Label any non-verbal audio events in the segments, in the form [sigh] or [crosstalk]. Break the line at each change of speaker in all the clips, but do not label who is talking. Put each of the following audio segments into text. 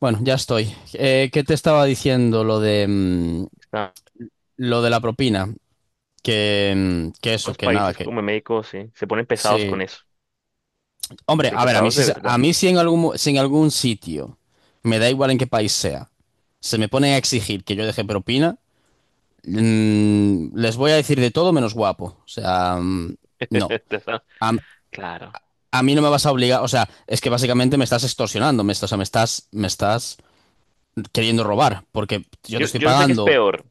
Bueno, ya estoy. ¿Qué te estaba diciendo lo de mm,
Ah,
lo de la propina? Que eso,
los
que nada,
países
que
como México, sí, se ponen pesados
sí.
con eso,
Hombre,
pero
a ver, a mí
pesados
sí,
de
se- a
verdad.
mí sí si en algún sitio, me da igual en qué país sea, se me pone a exigir que yo deje propina, les voy a decir de todo menos guapo. O sea,
[laughs]
no.
Entonces, ah,
A,
claro.
a mí no me vas a obligar, o sea, es que básicamente me estás extorsionando, o sea, me estás queriendo robar, porque yo te
Yo,
estoy
yo sé que es
pagando.
peor,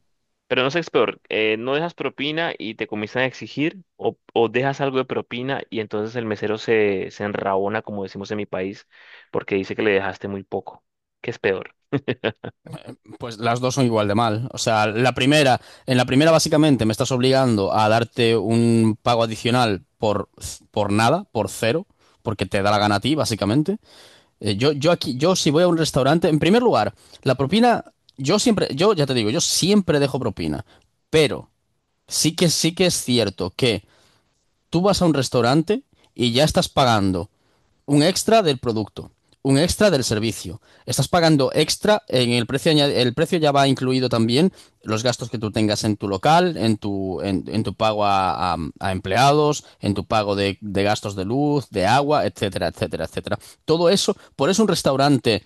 pero no sé qué es peor. No dejas propina y te comienzan a exigir, o dejas algo de propina y entonces el mesero se enrabona, como decimos en mi país, porque dice que le dejaste muy poco. ¿Qué es peor?
Pues las dos son igual de mal. O sea, en la primera básicamente me estás obligando a darte un pago adicional por nada, por cero, porque te da la gana a ti, básicamente. Yo si voy a un restaurante, en primer lugar, la propina, yo siempre, yo ya te digo, yo siempre dejo propina, pero sí que es cierto que tú vas a un restaurante y ya estás pagando un extra del producto, un extra del servicio. Estás pagando extra en el precio ya va incluido también los gastos que tú tengas en tu local, en tu pago a empleados, en tu pago de gastos de luz, de agua, etcétera, etcétera, etcétera. Todo eso, por eso un restaurante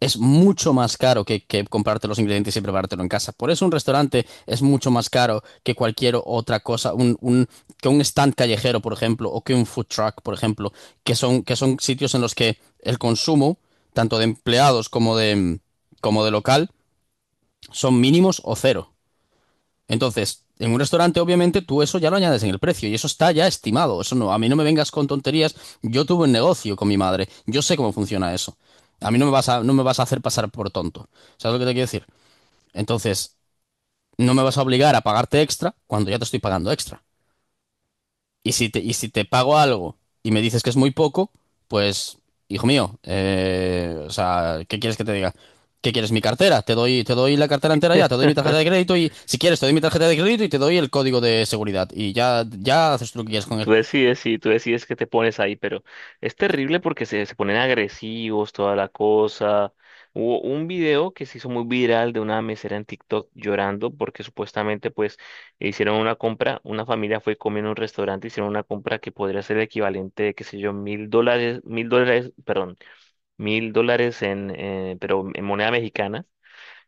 es mucho más caro que comprarte los ingredientes y preparártelo en casa. Por eso un restaurante es mucho más caro que cualquier otra cosa, que un stand callejero, por ejemplo, o que un food truck, por ejemplo, que son, sitios en los que el consumo, tanto de empleados como de local, son mínimos o cero. Entonces, en un restaurante, obviamente, tú eso ya lo añades en el precio y eso está ya estimado. Eso no, a mí no me vengas con tonterías. Yo tuve un negocio con mi madre. Yo sé cómo funciona eso. A mí no me vas a hacer pasar por tonto. ¿Sabes lo que te quiero decir? Entonces, no me vas a obligar a pagarte extra cuando ya te estoy pagando extra. Y si te pago algo y me dices que es muy poco, pues, hijo mío, o sea, ¿qué quieres que te diga? ¿Qué quieres? Mi cartera. Te doy la cartera entera ya, te
[laughs]
doy mi tarjeta de crédito y, si quieres, te doy mi tarjeta de crédito y te doy el código de seguridad. Y ya haces tú lo que quieras con él.
Tú decides, sí, tú decides qué te pones ahí, pero es terrible porque se ponen agresivos, toda la cosa. Hubo un video que se hizo muy viral de una mesera en TikTok llorando porque supuestamente pues hicieron una compra, una familia fue comiendo en un restaurante, hicieron una compra que podría ser el equivalente de, qué sé yo, 1.000 dólares, 1.000 dólares, perdón, 1.000 dólares pero en moneda mexicana.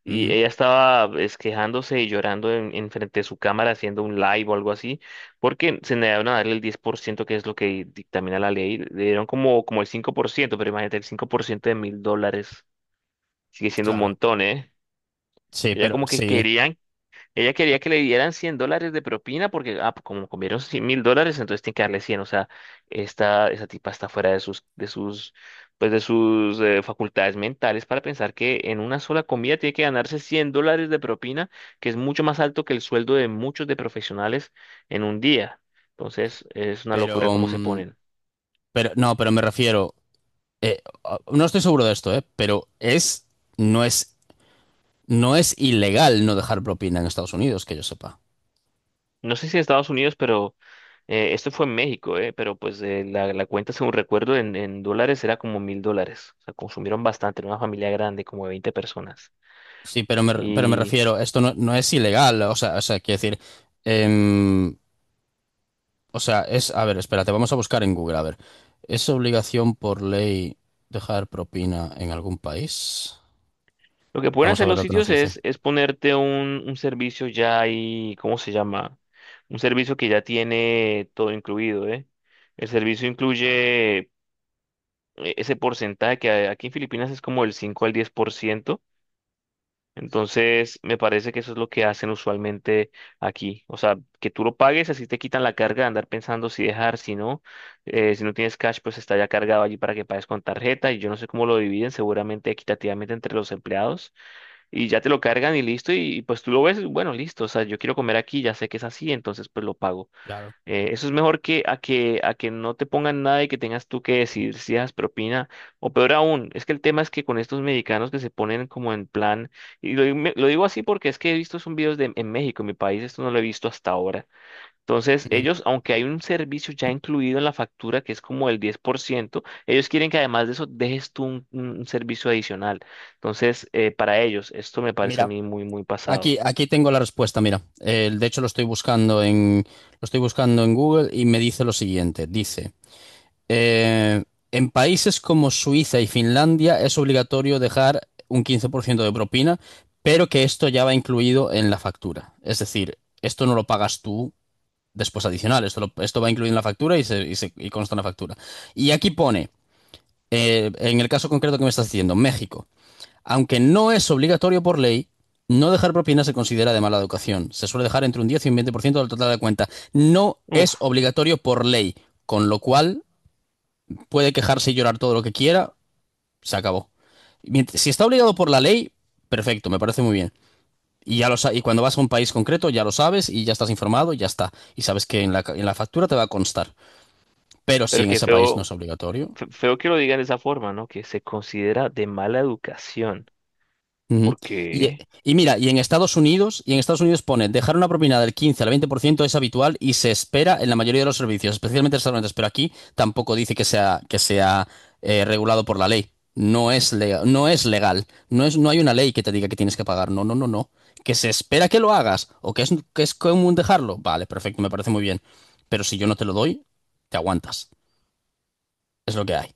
Y
Ujú,
ella estaba quejándose y llorando en frente de su cámara haciendo un live o algo así, porque se negaron a darle el 10% que es lo que dictamina la ley. Le dieron como, como el 5%, pero imagínate, el 5% de 1.000 dólares sigue siendo un
claro.
montón, ¿eh?
Sí,
Ella
pero,
como que
sí,
querían ella quería que le dieran 100 dólares de propina porque, ah, pues, como comieron 100 mil dólares, entonces tiene que darle cien. O sea, esta, esa tipa está fuera pues, de sus facultades mentales para pensar que en una sola comida tiene que ganarse 100 dólares de propina, que es mucho más alto que el sueldo de muchos de profesionales en un día. Entonces, es una locura
pero,
cómo se
mm,
ponen.
pero, no, pero me refiero, no estoy seguro de esto, pero es, no es, no es ilegal no dejar propina en Estados Unidos, que yo sepa.
No sé si en Estados Unidos, pero esto fue en México, pero pues la cuenta, según recuerdo, en dólares era como 1.000 dólares. O sea, consumieron bastante, era una familia grande, como de 20 personas.
Sí, pero me
Y
refiero, esto no es ilegal, o sea, quiero decir, em, o sea, es, a ver, espérate, vamos a buscar en Google, a ver, ¿es obligación por ley dejar propina en algún país?
lo que pueden
Vamos a
hacer
ver
los
lo que nos
sitios
dice.
es ponerte un servicio ya ahí, ¿cómo se llama? Un servicio que ya tiene todo incluido, ¿eh? El servicio incluye ese porcentaje que aquí en Filipinas es como el 5 al 10%. Entonces, me parece que eso es lo que hacen usualmente aquí. O sea, que tú lo pagues, así te quitan la carga de andar pensando si dejar, si no. Si no tienes cash, pues está ya cargado allí para que pagues con tarjeta. Y yo no sé cómo lo dividen, seguramente equitativamente entre los empleados. Y ya te lo cargan y listo. Y pues tú lo ves, bueno, listo. O sea, yo quiero comer aquí, ya sé que es así, entonces pues lo pago.
Claro.
Eso es mejor que a que no te pongan nada y que tengas tú que decidir si dejas propina, o peor aún, es que el tema es que con estos mexicanos que se ponen como en plan, y lo digo así porque es que he visto son videos de, en México, en mi país, esto no lo he visto hasta ahora. Entonces,
Ujú.
ellos, aunque hay un servicio ya incluido en la factura que es como el 10%, ellos quieren que además de eso dejes tú un servicio adicional. Entonces, para ellos, esto me parece a
Mira,
mí muy, muy pasado.
aquí tengo la respuesta, mira. De hecho lo estoy buscando en Google y me dice lo siguiente, dice... Eh, en países como Suiza y Finlandia es obligatorio dejar un 15% de propina, pero que esto ya va incluido en la factura. Es decir, esto no lo pagas tú después adicional, esto, esto va incluido en la factura y consta en la factura. Y aquí pone, en el caso concreto que me estás diciendo, México, aunque no es obligatorio por ley, no dejar propina se considera de mala educación. Se suele dejar entre un 10 y un 20% del total de la cuenta. No es
Uf,
obligatorio por ley, con lo cual puede quejarse y llorar todo lo que quiera, se acabó. Si está obligado por la ley, perfecto, me parece muy bien. Y, y cuando vas a un país concreto ya lo sabes y ya estás informado y ya está. Y sabes que en la factura te va a constar. Pero si
pero
en
qué
ese país no
feo.
es obligatorio...
Feo que lo digan de esa forma, ¿no? Que se considera de mala educación.
Ujú.
¿Por
Y,
qué?
y mira, y en Estados Unidos pone, dejar una propina del 15 al 20% es habitual y se espera en la mayoría de los servicios, especialmente restaurantes, pero aquí tampoco dice que sea regulado por la ley. No es legal, no es legal. No hay una ley que te diga que tienes que pagar. No, no, no, no. Que se espera que lo hagas o que es común dejarlo. Vale, perfecto, me parece muy bien. Pero si yo no te lo doy, te aguantas. Es lo que hay.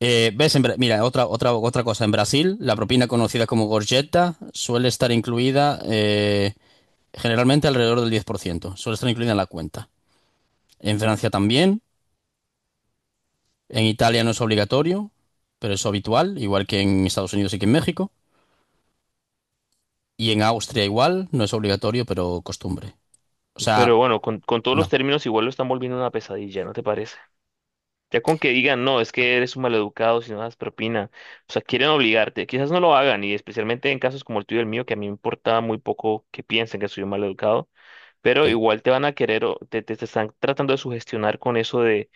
¿Ves? Mira, otra cosa. En Brasil, la propina conocida como gorjeta suele estar incluida, generalmente alrededor del 10%. Suele estar incluida en la cuenta. En Francia también. En Italia no es obligatorio, pero es habitual, igual que en Estados Unidos y que en México. Y en Austria igual, no es obligatorio, pero costumbre. O sea,
Pero bueno, con todos los
no.
términos igual lo están volviendo una pesadilla, ¿no te parece? Ya con que digan, no, es que eres un maleducado si no das propina. O sea, quieren obligarte. Quizás no lo hagan, y especialmente en casos como el tuyo y el mío, que a mí me importa muy poco que piensen que soy un maleducado, pero
Sí.
igual te van a querer, o te están tratando de sugestionar con eso de,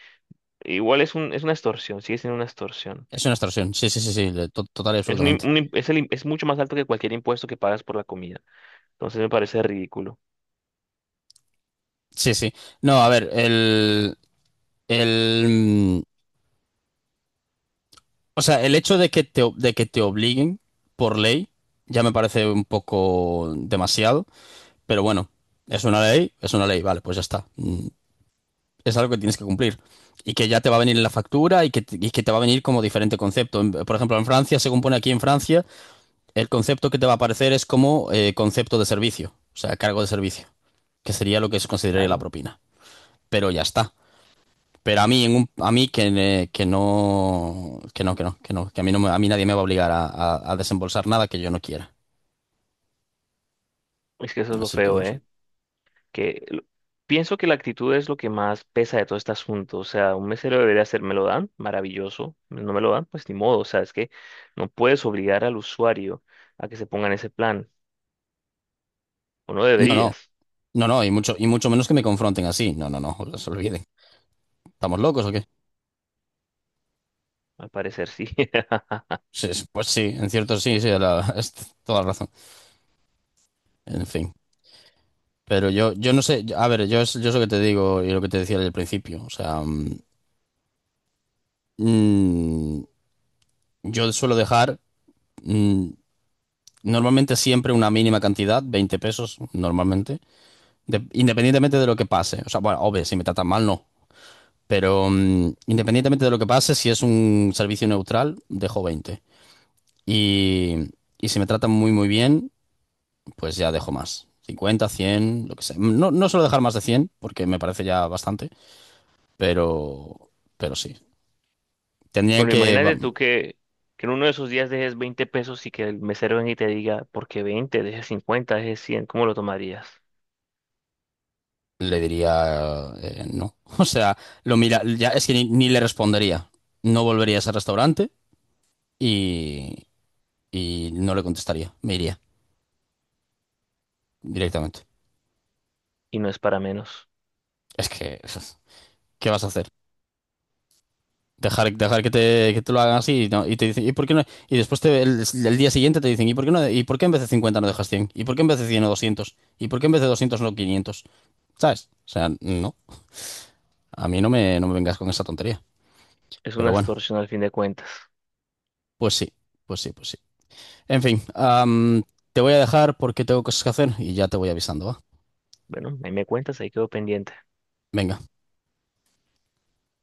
igual es una extorsión, sigue siendo una extorsión.
Es una extorsión. Sí, sí, sí, sí. Total y
Es,
absolutamente.
un im- es el im- es mucho más alto que cualquier impuesto que pagas por la comida. Entonces me parece ridículo,
Sí, sí. No, a ver, el, mm, o sea, el hecho de que te obliguen por ley ya me parece un poco demasiado, pero bueno, es una ley, vale, pues ya está. Es algo que tienes que cumplir y que ya te va a venir en la factura y que te va a venir como diferente concepto. Por ejemplo, en Francia, según pone aquí en Francia, el concepto que te va a aparecer es como, concepto de servicio, o sea, cargo de servicio, que sería lo que se consideraría la
claro.
propina. Pero ya está. Pero a mí, a mí que, que no, que no, que no, que no, que a mí, a mí nadie me va a obligar a desembolsar nada que yo no quiera.
Es que eso es lo
Así que
feo,
no sé.
¿eh? Que lo... pienso que la actitud es lo que más pesa de todo este asunto. O sea, un mesero debería ser, me lo dan, maravilloso. No me lo dan, pues ni modo. O sea, es que no puedes obligar al usuario a que se ponga en ese plan. O no
No, no,
deberías,
no, no, y mucho menos que me confronten así. No, no, no, se olviden. ¿Estamos locos o qué?
al parecer sí. [laughs]
Sí, sí, pues sí, en cierto sí, sí, [laughs] es toda la razón. En fin. Pero yo no sé, a ver, yo es lo que te digo y lo que te decía al principio. O sea, mm, yo suelo dejar, mm, normalmente siempre una mínima cantidad, 20 pesos, normalmente. Independientemente de lo que pase. O sea, bueno, obvio, si me tratan mal, no. Pero, independientemente de lo que pase, si es un servicio neutral, dejo 20. Y, y si me tratan muy, muy bien, pues ya dejo más: 50, 100, lo que sea. No, no suelo dejar más de 100 porque me parece ya bastante, pero, pero sí. Tendría
Bueno,
que...
imagínate tú que en uno de esos días dejes 20 pesos y que el mesero venga y te diga, ¿por qué 20? Dejes 50, dejes 100. ¿Cómo lo tomarías?
Le diría, no. [laughs] O sea, lo mira, ya es que ni le respondería. No volvería a ese restaurante y, y no le contestaría. Me iría directamente.
Y no es para menos.
Es que, [laughs] ¿qué vas a hacer? Dejar que te lo hagan así y, no- y te dicen, ¿y por qué no? Y después el día siguiente te dicen, ¿y por qué no? ¿Y por qué en vez de 50 no dejas 100? ¿Y por qué en vez de 100 o 200? ¿Y por qué en vez de 200 no 500? ¿Sabes? O sea, no. A mí no me vengas con esa tontería.
Es una
Pero bueno,
extorsión al fin de cuentas.
pues sí, pues sí, pues sí. En fin, te voy a dejar porque tengo cosas que hacer y ya te voy avisando, ¿va?
Bueno, ahí me cuentas, ahí quedo pendiente.
Venga.